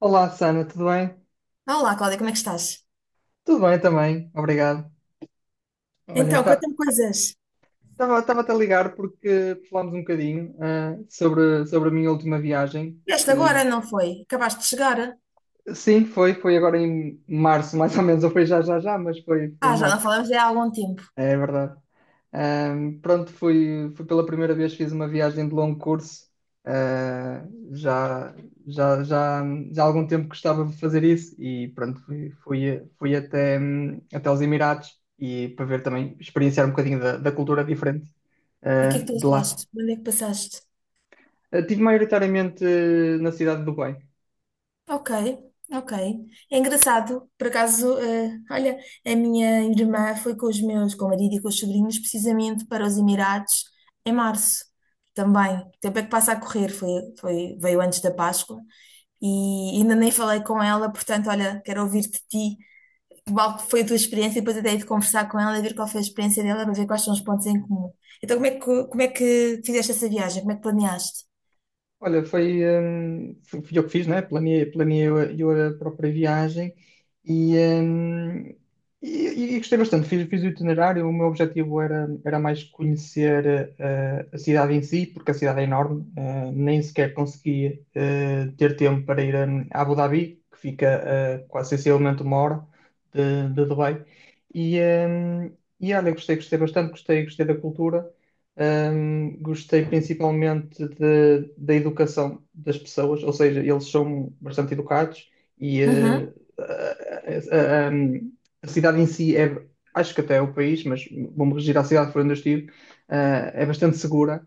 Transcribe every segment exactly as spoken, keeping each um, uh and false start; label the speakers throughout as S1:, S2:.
S1: Olá, Sana, tudo bem?
S2: Olá, Cláudia, como é que estás?
S1: Tudo bem também, obrigado. Olha,
S2: Então, conta-me coisas.
S1: estava-te a ligar porque falámos um bocadinho ah, sobre, sobre a minha última viagem,
S2: Vieste
S1: que
S2: agora, não foi? Acabaste de chegar?
S1: sim, foi, foi agora em março, mais ou menos, ou foi já já já, mas foi, foi em
S2: Ah, já não
S1: março,
S2: falamos há algum tempo.
S1: é verdade. Ahm, pronto, fui, fui pela primeira vez, fiz uma viagem de longo curso. Ah, já, já, já, já há algum tempo gostava de fazer isso e pronto, fui, fui, fui até, hum, até os Emirados e para ver também, experienciar um bocadinho da, da cultura diferente,
S2: E o que é que
S1: ah,
S2: tu
S1: de lá.
S2: achaste? Onde é que passaste?
S1: Ah, tive maioritariamente eh, na cidade de Dubai.
S2: Ok, ok. É engraçado, por acaso, eh, olha, a minha irmã foi com os meus, com o marido e com os sobrinhos, precisamente para os Emirados em março também. O tempo é que passa a correr, foi, foi, veio antes da Páscoa e ainda nem falei com ela, portanto, olha, quero ouvir de ti qual foi a tua experiência e depois até ir de conversar com ela e ver qual foi a experiência dela para ver quais são os pontos em comum. Então, como é que, como é que fizeste essa viagem? Como é que planeaste?
S1: Olha, foi, hum, fui fui eu que fiz, né? Planeei, planeei eu, a eu a própria viagem e, hum, e, e gostei bastante. Fiz, fiz o itinerário. O meu objetivo era, era mais conhecer eh, a cidade em si, porque a cidade é enorme. eh, nem sequer consegui eh, ter tempo para ir hum, a Abu Dhabi, que fica eh, quase sensivelmente uma hora de, de Dubai. E, hum, e olha, gostei, gostei bastante, gostei, gostei da cultura. Hum, gostei principalmente de- da educação das pessoas, ou seja, eles são bastante educados e eh, a, a- a- um, a cidade em si é, acho que até é o país, mas vou-me regir à cidade por onde eu estive, eh, é bastante segura.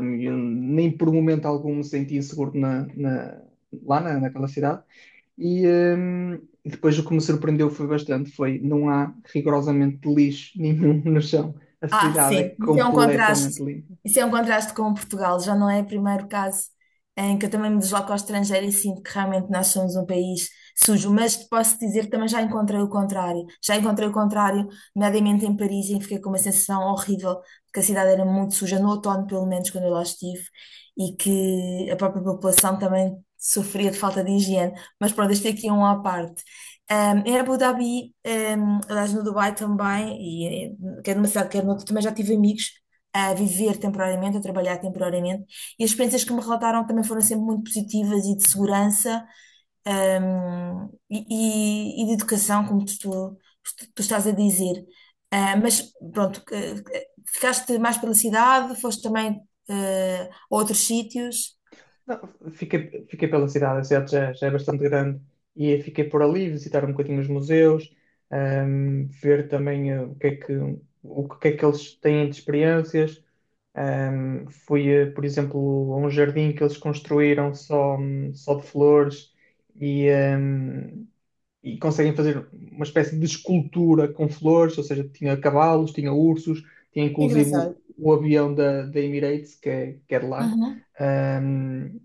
S1: hum, eu nem por um momento algum me senti inseguro na- na- lá na- naquela cidade. E, hum, e depois o que me surpreendeu foi bastante, foi não há rigorosamente lixo nenhum no chão. A
S2: Ah,
S1: cidade é
S2: sim, isso é um
S1: completamente
S2: contraste.
S1: limpa.
S2: Isso é um contraste com Portugal. Já não é o primeiro caso em que eu também me desloco ao estrangeiro e sinto que realmente nós somos um país sujo. Mas te posso dizer que também já encontrei o contrário. Já encontrei o contrário, nomeadamente em Paris, em que fiquei com uma sensação horrível de que a cidade era muito suja, no outono, pelo menos, quando eu lá estive, e que a própria população também sofria de falta de higiene. Mas pronto, este aqui é um à parte. Um, em Abu Dhabi, um, aliás, no Dubai também, quer numa cidade, quer noutra, também já tive amigos a viver temporariamente, a trabalhar temporariamente, e as experiências que me relataram também foram sempre muito positivas e de segurança, hum, e, e- e de educação, como tu, tu- tu estás a dizer. Ah, mas pronto, que- que- ficaste mais pela cidade, foste também eh, a outros sítios.
S1: Não, fiquei, fiquei pela cidade, a cidade já, já é bastante grande e fiquei por ali visitar um bocadinho os museus, ahm, ver também eh, o que é que, o que é que eles têm de experiências. Ahm, fui, eh, por exemplo, a um jardim que eles construíram só, hum, só de flores e, hum, e conseguem fazer uma espécie de escultura com flores, ou seja, tinha cavalos, tinha ursos, tinha inclusive o,
S2: Engraçado.
S1: o avião da, da Emirates, que é, que é de lá.
S2: Uhum.
S1: Ahm,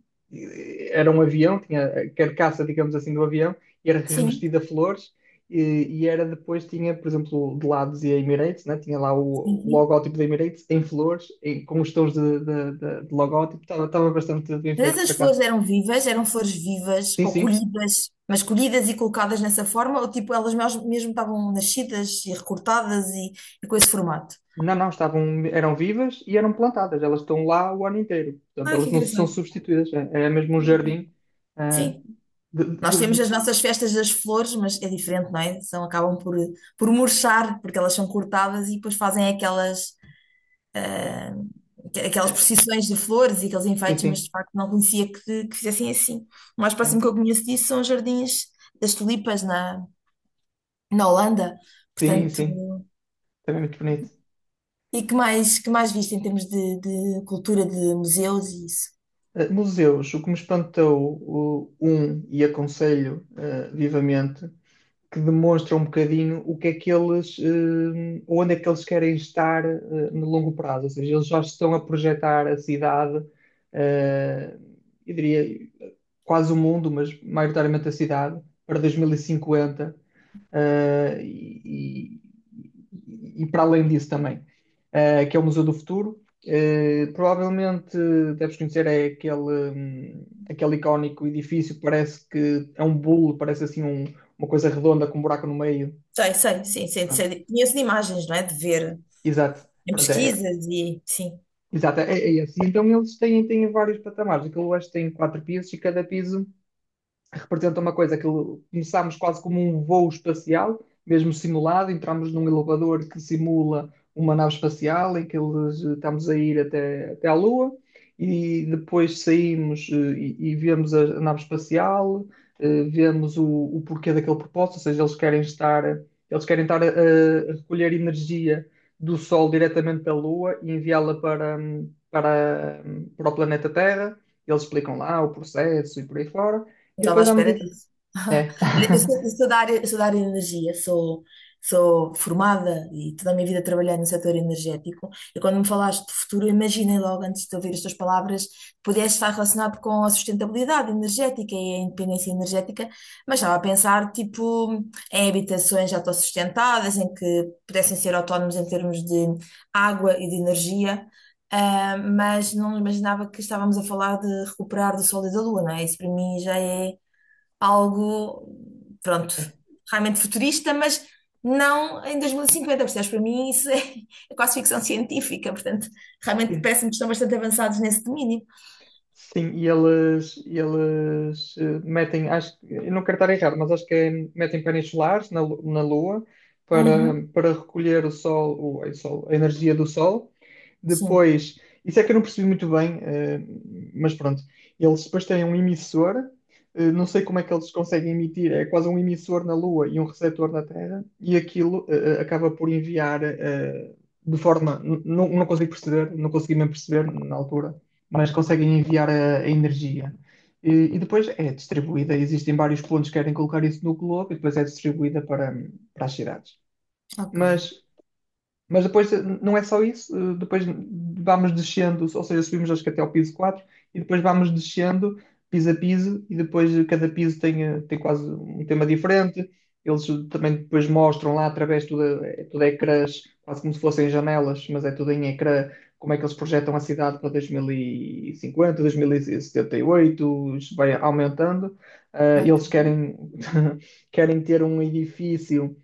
S1: era um avião, tinha a carcaça, digamos assim, do avião, e era
S2: Sim,
S1: revestida a flores, e, e era depois, tinha, por exemplo, de lá dizia Emirates, né? Tinha lá
S2: sim,
S1: o, o
S2: sim.
S1: logótipo da Emirates em flores, em- com os tons de, de, de, de logótipo, estava estava bastante bem
S2: Mas
S1: feito por
S2: essas flores
S1: acaso.
S2: eram vivas, eram flores vivas
S1: Sim,
S2: ou
S1: sim.
S2: colhidas, mas colhidas e colocadas nessa forma, ou tipo elas mes- mesmo estavam nascidas e recortadas e, e com esse formato?
S1: Não, não, estavam, eram vivas e eram plantadas. Elas estão lá o ano inteiro. Portanto,
S2: Ah,
S1: elas
S2: que
S1: não são
S2: engraçado.
S1: substituídas. É, é mesmo um jardim. ah,
S2: Sim.
S1: de-
S2: Nós
S1: de-
S2: temos
S1: de-
S2: as nossas festas das flores, mas é diferente, não é? São, acabam por, por murchar, porque elas são cortadas e depois fazem aquelas,
S1: é,
S2: aquelas
S1: é,
S2: procissões de flores e aqueles
S1: sim,
S2: enfeites, mas
S1: sim.
S2: de facto não conhecia que, que fizessem assim. O mais
S1: É.
S2: próximo que eu conheço disso são os jardins das tulipas na, na Holanda.
S1: Sim,
S2: Portanto.
S1: sim. Também é muito bonito.
S2: E que mais, que mais viste em termos de, de cultura, de museus e isso?
S1: Ah, museus, o que me espantou, o, um, e aconselho ah, vivamente, que demonstra um bocadinho o que é que eles, eh, onde é que eles querem estar eh, no longo prazo. Ou seja, eles já estão a projetar a cidade, eh, eu diria quase o mundo, mas maioritariamente a cidade, para dois mil e cinquenta, eh, e, e- e para além disso também, eh, que é o Museu do Futuro. Eh, provavelmente deves conhecer é aquele, hum, aquele icónico edifício que parece que é um bolo, parece assim um- uma coisa redonda com um buraco no meio.
S2: Sei, sei, sim, sim,
S1: Pronto,
S2: sei, conheço de imagens, não é? De ver
S1: exato.
S2: em
S1: Pronto, é,
S2: pesquisas e sim.
S1: exato, é, é esse. Então eles têm, têm vários patamares. Aquilo acho que tem quatro pisos e cada piso representa uma coisa que começámos quase como um voo espacial, mesmo simulado, entramos num elevador que simula uma nave espacial em que eles eh, estamos a ir até, até à Lua e depois saímos eh, e, e vemos a, a nave espacial, eh, vemos o, o porquê daquele propósito, ou seja, eles querem estar, eles querem estar a, a recolher energia do Sol diretamente da Lua e enviá-la para, hum, para, hum, para o planeta Terra. Eles explicam lá o processo e por aí fora.
S2: Não
S1: E
S2: estava à
S1: depois à
S2: espera
S1: medida.
S2: disso.
S1: É.
S2: Olha, eu sou, eu sou da área, eu sou da área de energia, sou, sou formada e toda a minha vida trabalhei no setor energético. E quando me falaste de futuro, eu imaginei logo, antes de ouvir as tuas palavras, que pudesse estar relacionado com a sustentabilidade energética e a independência energética, mas estava a pensar, tipo, em habitações autossustentadas, em que pudessem ser autónomos em termos de água e de energia. Ah, mas não imaginava que estávamos a falar de recuperar do Sol e da Lua, não é? Isso para mim já é algo, pronto, realmente futurista, mas não em dois mil e cinquenta, percebes? Para mim isso é, é quase ficção científica, portanto, realmente
S1: Sim,
S2: parece-me que estão bastante avançados nesse domínio.
S1: Sim, e eles, e eles eh, metem, acho, que- eu não quero estar errado, mas acho que é, metem painéis solares na, lu- na Lua para,
S2: Uhum.
S1: para recolher o sol, o, o sol, a energia do sol.
S2: Sim,
S1: Depois, isso é que eu não percebi muito bem, eh, mas pronto. Eles depois têm um emissor, eh, não sei como é que eles conseguem emitir, é quase um emissor na Lua e um receptor na Terra, e aquilo eh, eh, acaba por enviar eh, de forma. n- Não, não consigo perceber, não consegui mesmo perceber na altura, mas conseguem enviar a, a energia. E, e depois é distribuída, existem vários pontos que querem colocar isso no globo, e depois é distribuída para, para as cidades.
S2: ok.
S1: Mas mas depois eh, não é só isso, eh, depois vamos descendo, ou seja, subimos acho que até ao piso quatro e depois vamos descendo piso a piso e depois cada piso tem, eh, tem quase um tema diferente. Eles também depois mostram lá através de tudo, é tudo ecrãs, quase como se fossem janelas, mas é tudo em ecrã, como é que eles projetam a cidade para dois mil e cinquenta, dois mil e setenta e oito, isto vai aumentando. Eh,
S2: Ok.
S1: eles querem, querem ter um edifício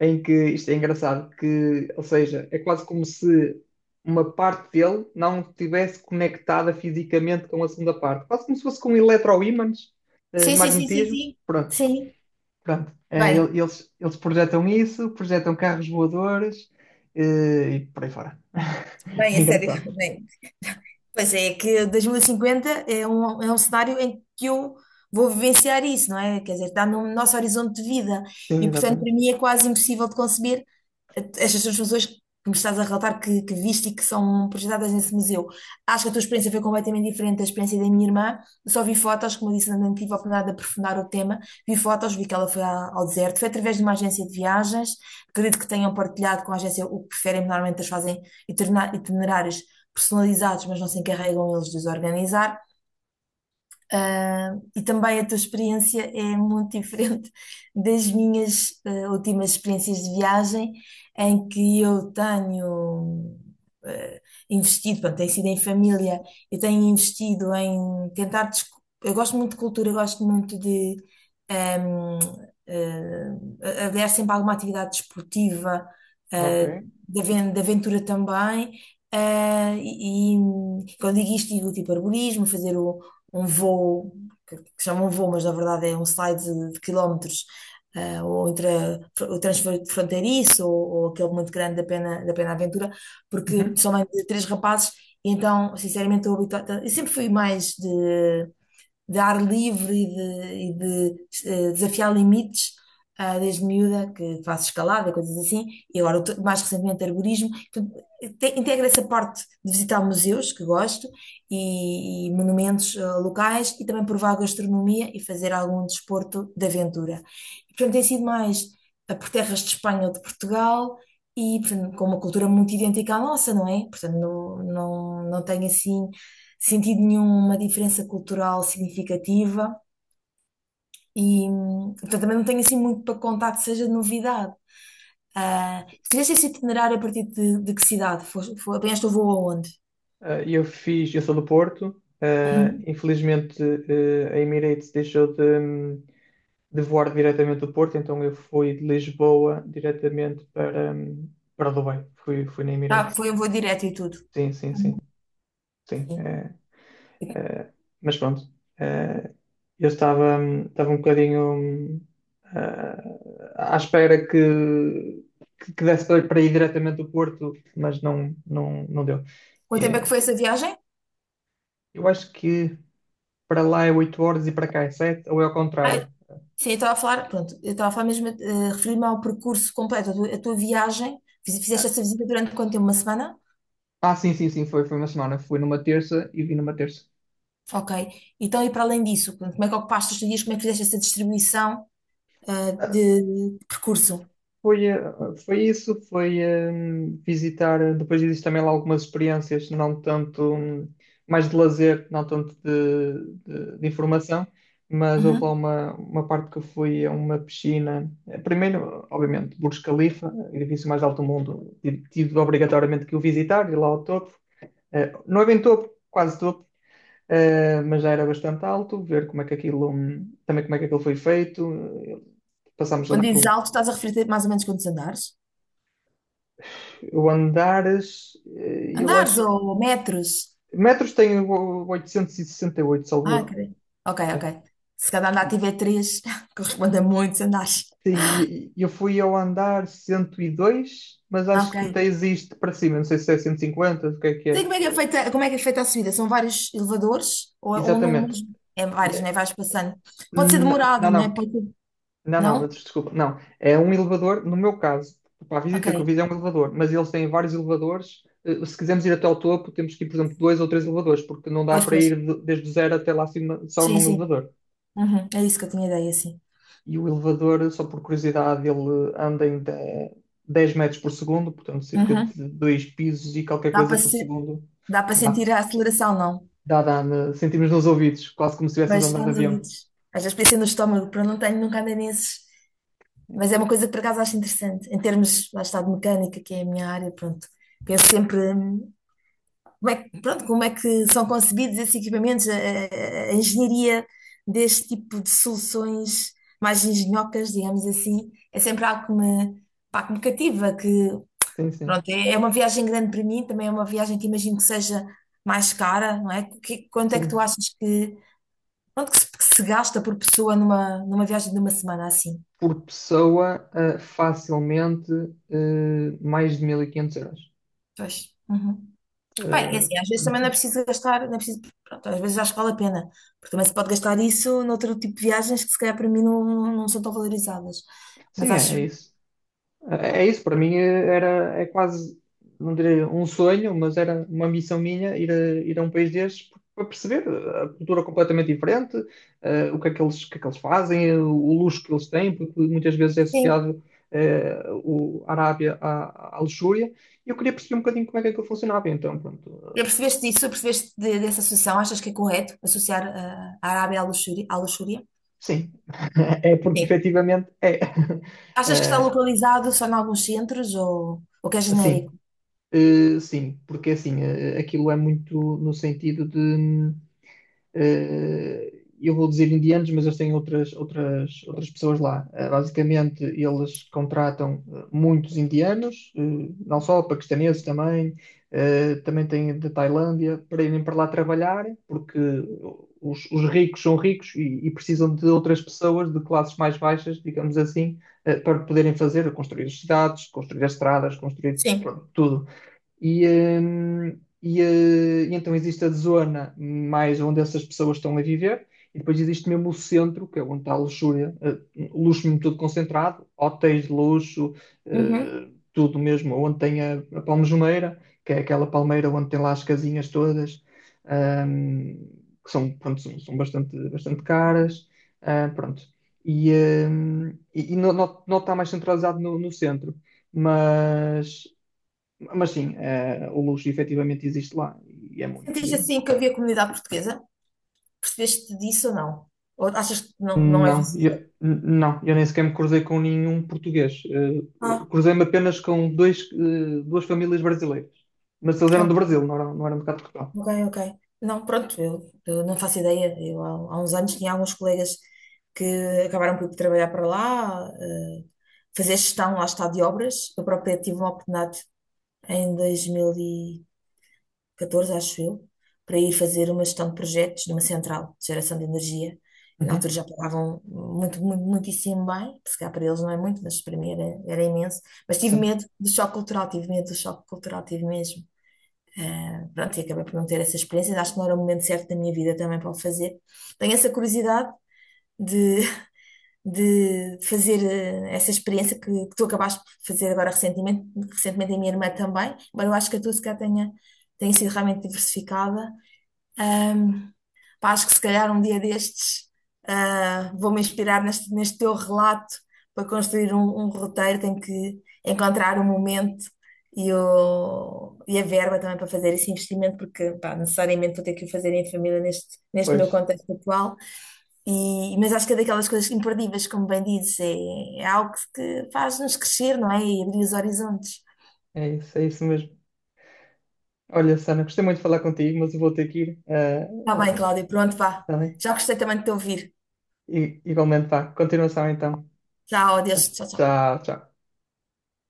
S1: em que isto é engraçado, que, ou seja, é quase como se uma parte dele não estivesse conectada fisicamente com a segunda parte, quase como se fosse com eletroímãs, eh,
S2: Sim, sim, sim, sim,
S1: magnetismo,
S2: sim.
S1: pronto,
S2: Sim.
S1: pronto. Eh,
S2: Bem.
S1: ele- eles, eles projetam isso, projetam carros voadores, eh, e por aí fora.
S2: Bem,
S1: É
S2: a sério,
S1: engraçado.
S2: bem. Pois é, que dois mil e cinquenta é um, é um cenário em que eu vou vivenciar isso, não é? Quer dizer, está no nosso horizonte de vida.
S1: Sim,
S2: E, portanto, para
S1: exatamente.
S2: mim é quase impossível de conceber eh, estas transformações que me estás a relatar que, que viste e que são projetadas nesse museu. Acho que a tua experiência foi completamente diferente da experiência da minha irmã. Eu só vi fotos, como eu disse, não tive a oportunidade de aprofundar o tema. Vi fotos, vi que ela foi à- ao deserto. Foi através de uma agência de viagens. Acredito que tenham partilhado com a agência o que preferem, normalmente eles fazem itinerar- itinerários personalizados, mas não se encarregam eles de os organizar. Ah, e também a tua experiência é muito diferente das minhas ah, últimas experiências de viagem, em que eu tenho ah, investido, pronto, tem sido em família, eu tenho investido em tentar. desco- Eu gosto muito de cultura, eu gosto muito de. ahm, ah, haver sempre alguma atividade desportiva, ah,
S1: Ok.
S2: de aven- de aventura também. ah, e, e quando digo isto, digo tipo arborismo, fazer um voo, que que chamam voo, mas na verdade é um slide de, de quilómetros, eh, ou entre a- o transfer fronteiriço, ou, ou aquele muito grande da Pena, da Pena Aventura, porque
S1: Uhum.
S2: são mais de três rapazes, e então, sinceramente, estou habituada. Eu sempre fui mais de de ar livre e de, e de, eh, desafiar limites, ah, desde miúda, que faço escalada, coisas assim, e agora eu tô- mais recentemente arborismo. Portanto, te- Integra essa parte de visitar museus, que gosto, e, e monumentos ah, locais, e também provar gastronomia e fazer algum desporto de aventura. E, portanto, tem sido mais ah, por terras de Espanha ou de Portugal, e portanto, com uma cultura muito idêntica à nossa, não é? Portanto, não, não, não tenho assim sentido nenhuma diferença cultural significativa e, hum, portanto, também não tenho assim muito para contar que seja de novidade. Ah, fizeste esse itinerário a partir de, de que cidade? Foste, foi, apanhaste o voo aonde?
S1: Eh, eu fiz, eu sou do Porto, eh,
S2: Uhum.
S1: infelizmente eh, a Emirates deixou de, de voar diretamente do Porto, então eu fui de Lisboa diretamente para, hum, para Dubai. Fui, fui na
S2: Ah,
S1: Emirates.
S2: foi um voo direto e tudo.
S1: Sim, sim, sim, sim.
S2: Sim.
S1: É, é, mas pronto, é, eu estava, hum, estava um bocadinho hum, ah, à espera que, que, que desse para para ir diretamente do Porto, mas não, não, não deu.
S2: Quanto tempo é que
S1: É,
S2: foi essa viagem?
S1: eu acho que para lá é oito horas e para cá é sete ou é ao
S2: Ah,
S1: contrário.
S2: sim, eu estava a falar, pronto, eu estava a falar mesmo, eh, referir-me ao percurso completo, a tua, a tua viagem. Fiz- fizeste essa visita durante quanto tempo? Uma semana?
S1: Ah, sim, sim, sim, foi, foi uma semana. Fui numa terça e vim numa terça.
S2: Ok. Então, e para além disso, pronto, como é que ocupaste os teus dias, como é que fizeste essa distribuição? Ah, de percurso.
S1: Foi, eh, foi isso, foi eh, visitar, depois existe também lá algumas experiências, não tanto, hum, mais de lazer, não tanto de, de- de informação, mas houve lá
S2: Uhum.
S1: uma, uma parte que eu fui a uma piscina. Eh, primeiro, obviamente, Burj Khalifa, edifício mais alto do mundo, tive tive obrigatoriamente que o visitar, ir lá ao topo. Eh, não é bem topo, quase topo, eh, mas já era bastante alto, ver como é que aquilo, hum, também como é que aquilo foi feito, eh, passámos ali
S2: Quando
S1: por
S2: dizes
S1: um.
S2: alto, estás a referir-te mais ou menos quantos andares?
S1: Eu andares, eh, eu
S2: Andares
S1: acho que.
S2: ou metros?
S1: Metros tem o oitocentos e sessenta e oito, salvo
S2: Ah, ok.
S1: erro.
S2: Ok, ok.
S1: É.
S2: Se cada andar tiver três, corresponde a muitos andares.
S1: Sim, e- e eu fui ao andar cento e dois, mas
S2: Ah,
S1: acho que ainda
S2: ok.
S1: existe para cima. Não sei se é cento e cinquenta, o que é que
S2: Então, e
S1: é.
S2: como é que é
S1: Eh,
S2: feita, como é que é feita, a subida? São vários elevadores ou, é- ou num
S1: Exatamente.
S2: mesmo? É vários, né?
S1: Eh,
S2: Vais passando. Pode ser
S1: n- Não,
S2: demorado, né?
S1: não.
S2: Pode ser-
S1: Não, não,
S2: Não?
S1: desculpa. Não. É um elevador, no meu caso, para a visita que eu
S2: Ok.
S1: fiz é um elevador, mas eles têm vários elevadores. Eh, Se quisermos ir até ao topo, temos que ir, por exemplo, dois ou três elevadores, porque não dá
S2: Pois,
S1: para
S2: pois.
S1: ir de- desde o zero até lá acima só
S2: Sim,
S1: num
S2: sim.
S1: elevador.
S2: Uhum. É isso que eu tinha ideia, sim.
S1: E o elevador, só por curiosidade, ele anda em de- dez metros por segundo, portanto, cerca
S2: Uhum.
S1: de dois pisos e qualquer
S2: Dá
S1: coisa
S2: para
S1: por
S2: se...
S1: segundo.
S2: Dá para
S1: Dá,
S2: sentir a aceleração, não?
S1: dá, dá, né? Sentimos nos ouvidos, quase como se estivéssemos a
S2: Mas
S1: andar de
S2: estamos
S1: avião.
S2: unidos. Às vezes pensei no estômago, porque não tenho, nunca andei nesses. Mas é uma coisa que por acaso acho interessante. Em termos, lá está, de mecânica, que é a minha área, pronto. Penso sempre hum, como é, que- pronto, como é que são concebidos esses equipamentos, a, a- a engenharia deste tipo de soluções mais engenhocas, digamos assim, é sempre algo que me, pá, que me cativa, que
S1: Sim, sim.
S2: pronto, é, é uma viagem grande para mim, também é uma viagem que imagino que seja mais cara, não é? Que- quanto é que tu
S1: Sim.
S2: achas que Pronto, que se, que se gasta por pessoa numa, numa viagem de uma semana assim.
S1: Por pessoa, eh, facilmente, eh, mais de mil e quinhentos euros.
S2: Pois. Uhum. Bem, é
S1: Eh,
S2: assim, às vezes também não é preciso gastar, não é preciso, pronto, às vezes acho que vale a pena, porque também se pode gastar isso noutro tipo de viagens que se calhar para mim não, não são tão valorizadas. Mas
S1: sim, é,
S2: acho,
S1: é isso. É isso, para mim eh, era, é quase, não diria um sonho, mas era uma missão minha ir a, ir a um país destes para perceber a cultura completamente diferente, eh, o que é que eles, o que é que eles fazem, eh, o luxo que eles têm, porque muitas vezes é
S2: sim.
S1: associado eh, o, a Arábia à, à luxúria, e eu queria perceber um bocadinho como é que aquilo funcionava. Então, pronto,
S2: Já
S1: eh,
S2: percebeste disso? Percebeste de- dessa associação? Achas que é correto associar ah, a Arábia à luxúria, à luxúria?
S1: sim, é porque
S2: Sim.
S1: efetivamente é.
S2: Achas que está
S1: Eh,
S2: localizado só em alguns centros ou, ou que é
S1: assim,
S2: genérico?
S1: eh, sim, porque assim, eh, aquilo é muito no sentido de. hum, Uh, eu vou dizer indianos, mas eles têm outras, outras, outras pessoas lá. Uh, basicamente, eles contratam uh, muitos indianos, uh, não só paquistaneses também, uh, também têm da Tailândia, para irem para lá trabalhar, porque os, os ricos são ricos e, e, precisam de outras pessoas de classes mais baixas, digamos assim, uh, para poderem fazer, construir as cidades, construir as estradas, construir
S2: Sim.
S1: pronto, tudo. E, hum, e, eh, e então existe a zona mais onde essas pessoas estão a viver, e depois existe mesmo o centro, que é onde está a luxúria, eh, luxo mesmo tudo concentrado, hotéis de luxo,
S2: Uhum.
S1: eh, tudo mesmo, onde tem a, a Palmejoneira, que é aquela palmeira onde tem lá as casinhas todas, ahm, que são, pronto, são, são bastante, bastante caras, ah, pronto. E, ahm, e, e não, não, não está mais centralizado no no centro mas mas sim, eh, o luxo efetivamente existe lá e é muito
S2: Sentiste
S1: mesmo.
S2: assim que havia comunidade portuguesa? Percebeste disso ou não? Ou achas que não, não é
S1: Não, eu,
S2: visível?
S1: não, eu nem sequer me cruzei com nenhum português. Eh,
S2: Ah,
S1: cruzei-me apenas com dois, eh, duas famílias brasileiras. Mas eles eram do
S2: ok,
S1: Brasil, não eram, não eram de cá de Portugal.
S2: ok, ok. Não, pronto, eu, eu não faço ideia. Eu, há, há uns anos tinha alguns colegas que acabaram por ir trabalhar para lá, eh, fazer gestão, lá está, de obras. Eu própria tive uma oportunidade em dois mil e- catorze acho eu, para ir fazer uma gestão de projetos numa central de geração de energia. E na altura
S1: Uhum,
S2: já pagavam muito, muito, muitíssimo bem, se calhar para eles não é muito, mas para mim era, era, imenso. Mas tive
S1: sim,
S2: medo do choque cultural, tive medo do choque cultural, tive mesmo. Ah, pronto, e acabei por não ter essa experiência. Acho que não era o momento certo da minha vida também para o fazer. Tenho essa curiosidade de, de fazer eh, essa experiência que, que tu acabaste por fazer agora recentemente, recentemente a minha irmã também, mas eu acho que a tua se calhar tenha, tenha sido realmente diversificada. Ahm, Pá, acho que se calhar um dia destes, ah, vou-me inspirar neste, neste teu relato para construir um, um roteiro. Tenho que encontrar o momento e, o, e a verba também para fazer esse investimento, porque pá, necessariamente vou ter que o fazer em família neste, neste meu
S1: pois.
S2: contexto atual. E, mas acho que é daquelas coisas imperdíveis, como bem dizes, é, é algo que, que faz-nos crescer, não é? E abrir os horizontes.
S1: É isso, é isso mesmo. Olha, Sana, gostei muito de falar contigo, mas eu vou ter que ir. eh,
S2: Está bem, Cláudia, pronto, vá.
S1: tá bem?
S2: Já gostei também de te ouvir.
S1: E, igualmente, vá. Continuação então.
S2: Tchau, adeus, tchau, tchau.
S1: Tchau, tchau.